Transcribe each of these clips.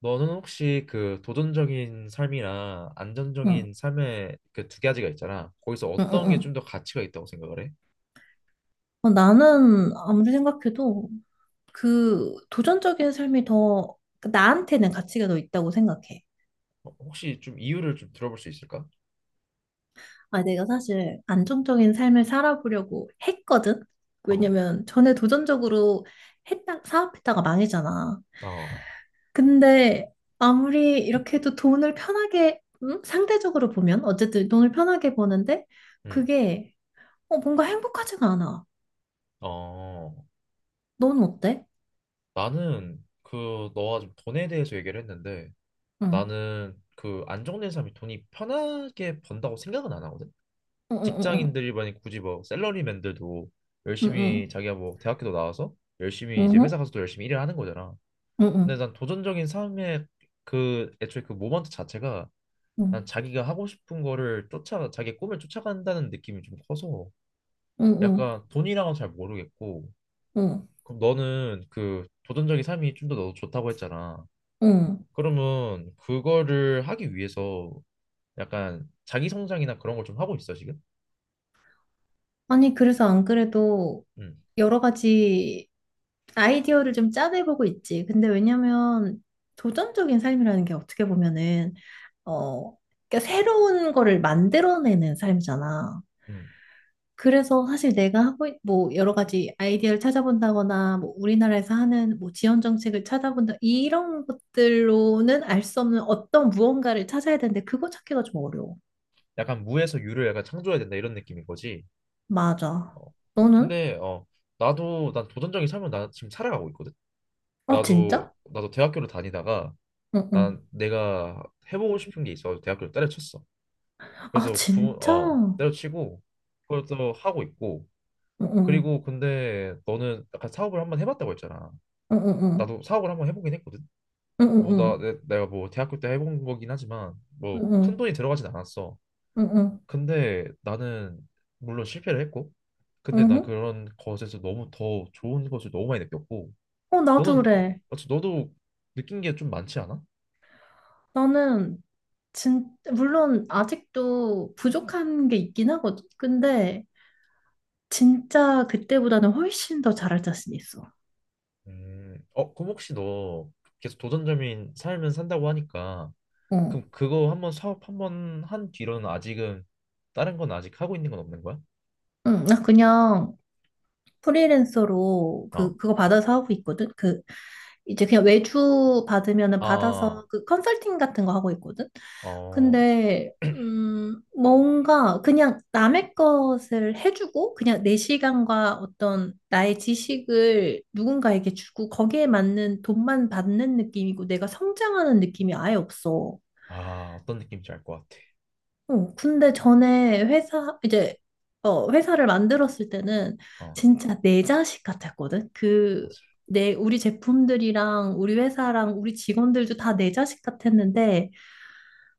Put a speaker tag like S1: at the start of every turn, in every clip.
S1: 너는 혹시 그 도전적인 삶이랑
S2: 응,
S1: 안정적인 삶의 그 두 가지가 있잖아. 거기서
S2: 응, 응,
S1: 어떤 게 좀
S2: 응.
S1: 더 가치가 있다고 생각을 해?
S2: 나는 아무리 생각해도 그 도전적인 삶이 더 나한테는 가치가 더 있다고 생각해.
S1: 혹시 좀 이유를 좀 들어볼 수 있을까?
S2: 아, 내가 사실 안정적인 삶을 살아보려고 했거든?
S1: 어,
S2: 왜냐면 전에 도전적으로 사업했다가 망했잖아.
S1: 어.
S2: 근데 아무리 이렇게 해도 돈을 편하게, 상대적으로 보면, 어쨌든 돈을 편하게 버는데
S1: 음.
S2: 그게 뭔가 행복하지가 않아.
S1: 어.
S2: 넌 어때?
S1: 나는 그 너가 좀 돈에 대해서 얘기를 했는데,
S2: 응,
S1: 나는 그 안정된 삶이 돈이 편하게 번다고 생각은 안 하거든.
S2: 응, 응, 응,
S1: 직장인들이 만약 굳이 뭐 샐러리맨들도
S2: 응, 응,
S1: 열심히
S2: 응.
S1: 자기가 뭐 대학교도 나와서 열심히 이제
S2: 응.
S1: 회사
S2: 응.
S1: 가서도 열심히 일을 하는 거잖아. 근데
S2: 응,
S1: 난 도전적인 삶의 그 애초에 그 모먼트 자체가 난
S2: 응,
S1: 자기가 하고 싶은 거를 쫓아 자기 꿈을 쫓아간다는 느낌이 좀 커서
S2: 응, 응, 응,
S1: 약간 돈이랑은 잘 모르겠고.
S2: 응.
S1: 그럼 너는 그 도전적인 삶이 좀 더 너도 좋다고 했잖아.
S2: 응.
S1: 그러면 그거를 하기 위해서 약간 자기 성장이나 그런 걸 좀 하고 있어 지금?
S2: 아니, 그래서 안 그래도
S1: 음.
S2: 여러 가지 아이디어를 좀 짜내보고 있지. 근데 왜냐면 도전적인 삶이라는 게 어떻게 보면은, 어, 그러니까 새로운 거를 만들어내는 삶이잖아.
S1: 음.
S2: 그래서 사실 내가 뭐, 여러 가지 아이디어를 찾아본다거나, 뭐, 우리나라에서 하는 뭐, 지원 정책을 찾아본다, 이런 것들로는 알 수 없는 어떤 무언가를 찾아야 되는데, 그거 찾기가 좀 어려워.
S1: 약간 무에서 유를 약간 창조해야 된다 이런 느낌인 거지.
S2: 맞아.
S1: 어.
S2: 너는?
S1: 근데 나도 난 도전적인 삶을 나 지금 살아가고 있거든.
S2: 아,
S1: 나도
S2: 진짜?
S1: 나도 대학교를 다니다가
S2: 응, 응.
S1: 난 내가 해보고 싶은 게 있어서 대학교를 때려쳤어.
S2: 아,
S1: 그래서
S2: 진짜? 응,
S1: 때려치고 그걸 또 하고 있고.
S2: 응.
S1: 그리고 근데 너는 약간 사업을 한번 해봤다고 했잖아.
S2: 응, 응, 응.
S1: 나도 사업을 한번 해보긴 했거든.
S2: 응, 응,
S1: 뭐 나,
S2: 응.
S1: 내, 내가 뭐 대학교 때 해본 거긴 하지만
S2: 응,
S1: 뭐 큰
S2: 응.
S1: 돈이 들어가진 않았어.
S2: 응, 응.
S1: 근데 나는 물론 실패를 했고,
S2: 응,
S1: 근데 난
S2: 응.
S1: 그런 것에서 너무 더 좋은 것을 너무 많이 느꼈고.
S2: 나도
S1: 너는
S2: 그래.
S1: 어째 너도 느낀 게 좀 많지 않아?
S2: 나는, 진, 물론, 아직도 부족한 게 있긴 하거든. 근데, 진짜 그때보다는 훨씬 더 잘할 자신 있어.
S1: 그럼 혹시 너 계속 도전점인 삶을 산다고 하니까,
S2: 응.
S1: 그럼 그거 한 번 사업 한 번 한 뒤로는 아직은 다른 건 아직 하고 있는 건 없는 거야?
S2: 응, 나 그냥, 프리랜서로 그
S1: 어,
S2: 그거 받아서 하고 있거든. 그 이제 그냥 외주 받으면은
S1: 아,
S2: 받아서 그 컨설팅 같은 거 하고 있거든.
S1: 어,
S2: 근데 뭔가 그냥 남의 것을 해주고 그냥 내 시간과 어떤 나의 지식을 누군가에게 주고 거기에 맞는 돈만 받는 느낌이고 내가 성장하는 느낌이 아예 없어.
S1: 어떤 느낌인지 알 것 같아.
S2: 근데
S1: 어.
S2: 전에 회사를 만들었을 때는
S1: 어.
S2: 진짜 내 자식 같았거든?
S1: 맞아.
S2: 우리 제품들이랑 우리 회사랑 우리 직원들도 다 내 자식 같았는데,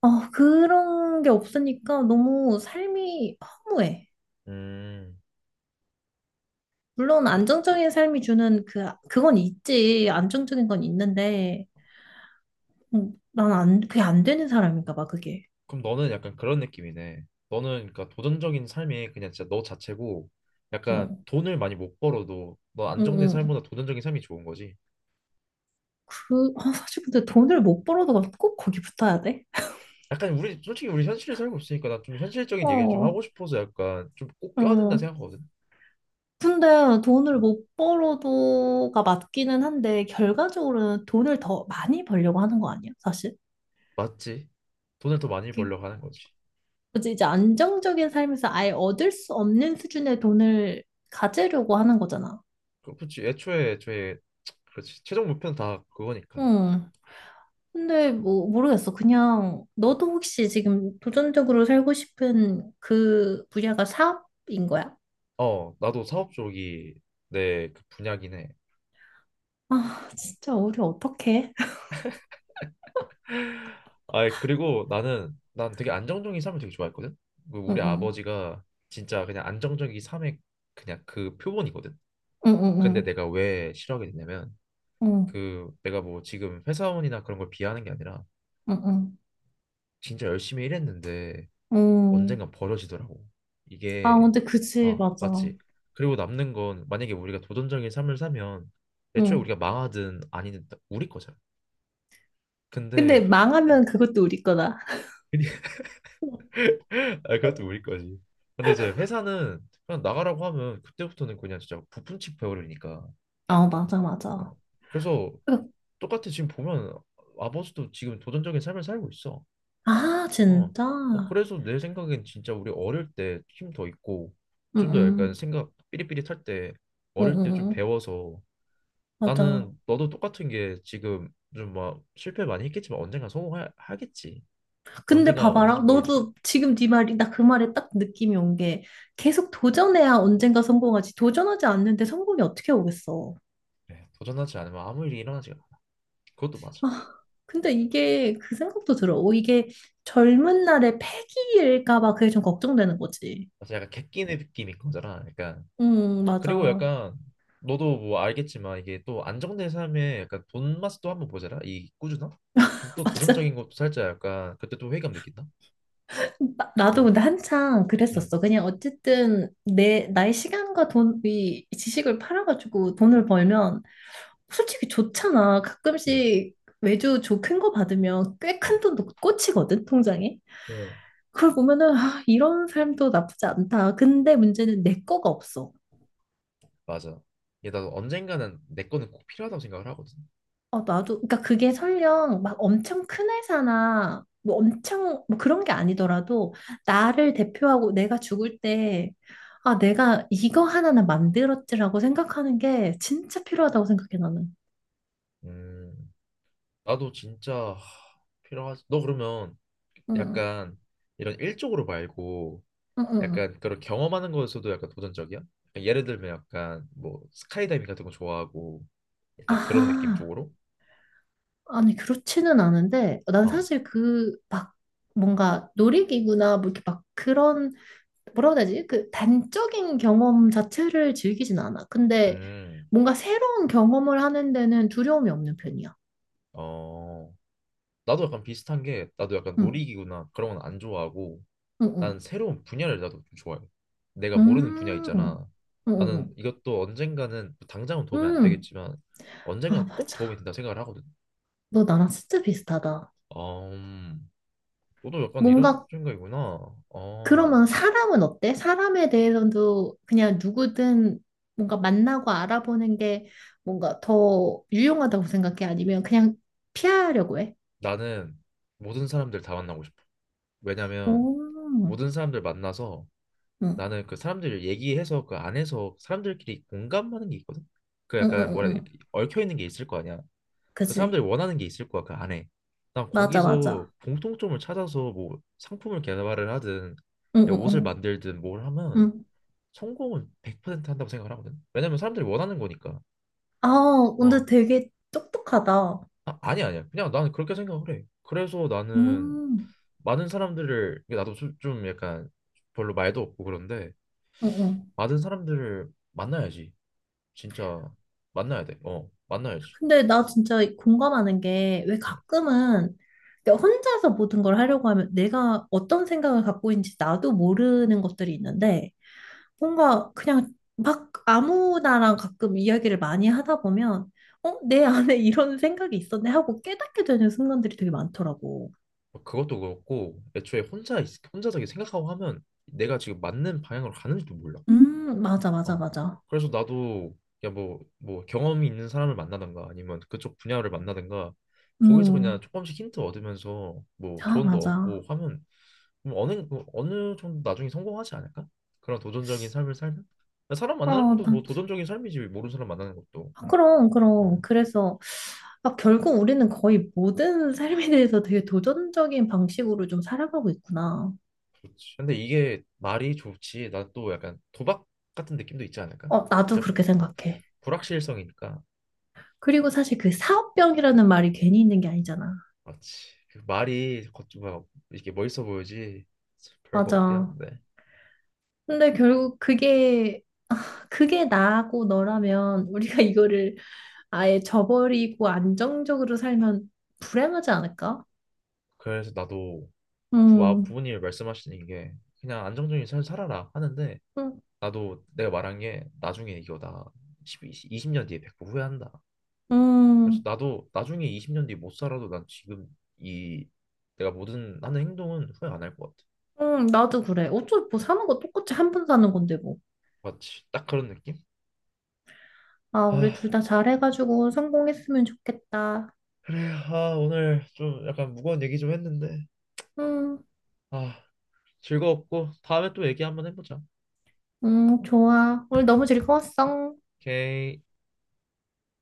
S2: 그런 게 없으니까 너무 삶이 허무해.
S1: 음,
S2: 물론
S1: 그렇-
S2: 안정적인 삶이 주는 그건 있지. 안정적인 건 있는데, 난 안, 그게 안 되는 사람인가 봐, 그게.
S1: 그럼 너는 약간 그런 느낌이네. 너는 그러니까 도전적인 삶이 그냥 진짜 너 자체고 약간
S2: 어,
S1: 돈을 많이 못 벌어도 너
S2: 응,
S1: 안정된
S2: 응.
S1: 삶보다 도전적인 삶이 좋은 거지.
S2: 아, 사실 근데 돈을 못 벌어도 꼭 거기 붙어야 돼?
S1: 약간 우리 솔직히 우리 현실에 살고 있으니까 난 좀 현실적인 얘기를 좀
S2: 어,
S1: 하고 싶어서 약간 좀 꼭 껴야 된다
S2: 어.
S1: 생각하거든.
S2: 근데 돈을
S1: 어,
S2: 못 벌어도가 맞기는 한데, 결과적으로는 돈을 더 많이 벌려고 하는 거 아니야, 사실?
S1: 맞지? 돈을 더 많이
S2: 그,
S1: 벌려고 하는 거지.
S2: 뭐지, 이제 안정적인 삶에서 아예 얻을 수 없는 수준의 돈을 가지려고 하는 거잖아.
S1: 그- 렇지. 애초에 그렇지. 최종 목표는 다 그거니까.
S2: 응. 근데 뭐, 모르겠어. 그냥, 너도 혹시 지금 도전적으로 살고 싶은 그 분야가 사업인 거야?
S1: 어, 나도 사업 쪽이 내 그 분야긴 해.
S2: 아, 진짜 우리 어떡해?
S1: 아, 그리고 나는 난 되게 안정적인 삶을 되게 좋아했거든. 그
S2: 응,
S1: 우리
S2: 응,
S1: 아버지가 진짜 그냥 안정적인 삶의 그냥 그 표본이거든.
S2: 응,
S1: 근데
S2: 응,
S1: 내가 왜 싫어하게 됐냐면,
S2: 응,
S1: 그 내가 뭐 지금 회사원이나 그런 걸 비하하는 게 아니라
S2: 응, 응, 응.
S1: 진짜 열심히 일했는데
S2: 응.
S1: 언젠간 버려지더라고.
S2: 아,
S1: 이게,
S2: 근데 그치,
S1: 아
S2: 맞아.
S1: 맞지. 그리고 남는 건, 만약에 우리가 도전적인 삶을 사면 애초에
S2: 응.
S1: 우리가 망하든 아니든 다 우리 거잖아.
S2: 근데
S1: 근데
S2: 망하면 그것도 우리 거다.
S1: 아 그것도 우리 거지. 근데 이제 회사는 그냥 나가라고 하면 그때부터는 그냥 진짜 부품치 배우려니까.
S2: 아, 맞아,
S1: 어.
S2: 맞아.
S1: 그래서 똑같이 지금 보면 아버지도 지금 도전적인 삶을 살고 있어.
S2: 아,
S1: 어. 어.
S2: 진짜?
S1: 그래서 내 생각엔 진짜 우리 어릴 때 힘 더 있고 좀 더 약간
S2: 응응.
S1: 생각 삐릿삐릿할 때, 어릴 때 좀
S2: 응응.
S1: 배워서.
S2: 맞아.
S1: 나는 너도 똑같은 게 지금 좀 막 실패 많이 했겠지만 언젠가 성공하겠지.
S2: 근데
S1: 언젠가
S2: 봐봐라.
S1: 언제지 모르지만.
S2: 너도 지금 네 말이, 나 그 말에 딱 느낌이 온 게, 계속 도전해야 언젠가 성공하지. 도전하지 않는데 성공이 어떻게 오겠어.
S1: 그래, 도전하지 않으면 아무 일이 일어나지가 않아. 그것도 맞아.
S2: 아, 근데 이게 그 생각도 들어. 오, 이게 젊은 날의 패기일까 봐 그게 좀 걱정되는 거지.
S1: 그래서 약간 객기 느낌인 거잖아, 약간.
S2: 응,
S1: 그리고
S2: 맞아.
S1: 약간, 너도 뭐 알겠지만 이게 또 안정된 삶에 약간 돈 맛도 한번 보잖아. 이 꾸준함? 그럼 또
S2: 맞아.
S1: 도전적인 것도 살짝 약간 그때 또 회의감 느낀다.
S2: 나도
S1: 어.
S2: 근데 한창
S1: 음.
S2: 그랬었어. 그냥 어쨌든 내 나의 시간과 돈이 지식을 팔아가지고 돈을 벌면 솔직히 좋잖아.
S1: 음.
S2: 가끔씩 외주 조큰 거 받으면 꽤 큰
S1: 어.
S2: 돈도 꽂히거든, 통장에.
S1: 응,
S2: 그걸 보면은 아, 이런 삶도 나쁘지 않다. 근데 문제는 내 거가 없어.
S1: 맞아. 얘, 나도 언젠가는 내 거는 꼭 필요하다고 생각을 하거든.
S2: 어, 나도, 그러니까 그게 설령 막 엄청 큰 회사나 뭐 엄청 뭐 그런 게 아니더라도 나를 대표하고 내가 죽을 때 아, 내가 이거 하나는 만들었지라고 생각하는 게 진짜 필요하다고 생각해, 나는.
S1: 음, 나도 진짜 필요하지. 너 그러면
S2: 응,
S1: 약간 이런 일적으로 말고
S2: 응, 응.
S1: 약간 그런 경험하는 거에서도 약간 도전적이야? 약간 예를 들면 약간 뭐 스카이다이빙 같은 거 좋아하고 약간 그런 느낌
S2: 아하.
S1: 쪽으로?
S2: 아니, 그렇지는 않은데 난
S1: 어,
S2: 사실 그 막 뭔가 놀이기구나 뭐 이렇게 막 그런 뭐라고 해야 되지? 그 단적인 경험 자체를 즐기진 않아. 근데
S1: 음,
S2: 뭔가 새로운 경험을 하는 데는 두려움이 없는 편이야.
S1: 어, 나도 약간 비슷한 게, 나도 약간
S2: 응,
S1: 놀이기구나 그런 건 안 좋아하고
S2: 응,
S1: 나는
S2: 응.
S1: 새로운 분야를 나도 좀 좋아해. 내가 모르는 분야
S2: 응,
S1: 있잖아. 나는
S2: 응,
S1: 이것도 언젠가는 당장은
S2: 응.
S1: 도움이 안 되겠지만
S2: 아,
S1: 언젠가 꼭
S2: 맞아.
S1: 도움이 된다 생각을 하거든.
S2: 너 나랑 진짜 비슷하다.
S1: 음. 너도 약간 이런
S2: 뭔가
S1: 생각이구나. 어,
S2: 그러면 사람은 어때? 사람에 대해서도 그냥 누구든 뭔가 만나고 알아보는 게 뭔가 더 유용하다고 생각해? 아니면 그냥 피하려고 해?
S1: 나는 모든 사람들 다 만나고 싶어. 왜냐면
S2: 오, 응,
S1: 모든 사람들 만나서,
S2: 응,
S1: 나는 그 사람들 얘기해서 그 안에서 사람들끼리 공감하는 게 있거든. 그
S2: 응,
S1: 약간,
S2: 응.
S1: 뭐라 해야
S2: 응.
S1: 되, 얽혀 있는 게 있을 거 아니야. 그
S2: 그지?
S1: 사람들이 원하는 게 있을 거야 그 안에. 난
S2: 맞아,
S1: 거기서
S2: 맞아.
S1: 공통점을 찾아서 뭐 상품을 개발을 하든
S2: 응,
S1: 내
S2: 응,
S1: 옷을
S2: 응.
S1: 만들든 뭘 하면
S2: 응.
S1: 성공은 100% 한다고 생각을 하거든. 왜냐면 사람들이 원하는 거니까.
S2: 아, 근데
S1: 어.
S2: 되게 똑똑하다.
S1: 아, 아니 아니야, 그냥 나는 그렇게 생각을 해. 그래서 나는
S2: 음,
S1: 많은 사람들을 이게, 나도 좀 약간 별로 말도 없고 그런데,
S2: 응, 응.
S1: 많은 사람들을 만나야지. 진짜 만나야 돼어, 만나야지.
S2: 근데 나 진짜 공감하는 게 왜
S1: 응.
S2: 가끔은 내가 혼자서 모든 걸 하려고 하면 내가 어떤 생각을 갖고 있는지 나도 모르는 것들이 있는데 뭔가 그냥 막 아무나랑 가끔 이야기를 많이 하다 보면 내 안에 이런 생각이 있었네 하고 깨닫게 되는 순간들이 되게 많더라고.
S1: 어, 그것도 그렇고, 애초에 혼자 저기 생각하고 하면 내가 지금 맞는 방향으로 가는지도 몰라.
S2: 맞아, 맞아,
S1: 어.
S2: 맞아.
S1: 그래서 나도 야 뭐 경험이 있는 사람을 만나든가, 아니면 그쪽 분야를 만나든가, 거기서 그냥
S2: 음,
S1: 조금씩 힌트 얻으면서 뭐
S2: 아,
S1: 조언도 얻고
S2: 맞아.
S1: 하면 뭐 어느 정도 나중에 성공하지 않을까? 그런 도전적인 삶을 살면 사람 만나는
S2: 어,
S1: 것도
S2: 나
S1: 뭐 도전적인 삶이지, 모르는 사람 만나는 것도.
S2: 아, 그럼, 그럼.
S1: 어.
S2: 그래서, 아, 결국 우리는 거의 모든 삶에 대해서 되게 도전적인 방식으로 좀 살아가고 있구나.
S1: 근데 이게 말이 좋지 나 또 약간 도박 같은 느낌도 있지 않을까?
S2: 어, 나도
S1: 진짜
S2: 그렇게 생각해.
S1: 불확실성이니까.
S2: 그리고 사실 그 사업병이라는 말이 괜히 있는 게 아니잖아.
S1: 맞지. 그 말이 겉 뭐 이렇게 멋있어 보이지 별거 없긴
S2: 맞아.
S1: 한데.
S2: 근데 결국 그게 나하고 너라면 우리가 이거를 아예 저버리고 안정적으로 살면 불행하지 않을까?
S1: 그래서 나도
S2: 음,
S1: 부모님이 말씀하시는 게 그냥 안정적인 삶 살아라 하는데,
S2: 음,
S1: 나도 내가 말한 게 나중에 이거 나 10, 20년 뒤에 100% 후회한다. 그래서
S2: 음,
S1: 나도 나중에 20년 뒤 못 살아도 난 지금 이 내가 모든 하는 행동은 후회 안 할 것 같아.
S2: 나도 그래. 어차피 뭐 사는 거 똑같이 한 번 사는 건데 뭐.
S1: 맞지, 딱 그런 느낌?
S2: 아, 우리 둘
S1: 아,
S2: 다 잘해가지고 성공했으면 좋겠다.
S1: 그래. 아, 오늘 좀 약간 무거운 얘기 좀 했는데.
S2: 응,
S1: 아, 즐거웠고 다음에 또 얘기 한번 해보자.
S2: 응, 좋아. 오늘 너무 즐거웠어.
S1: 오케이.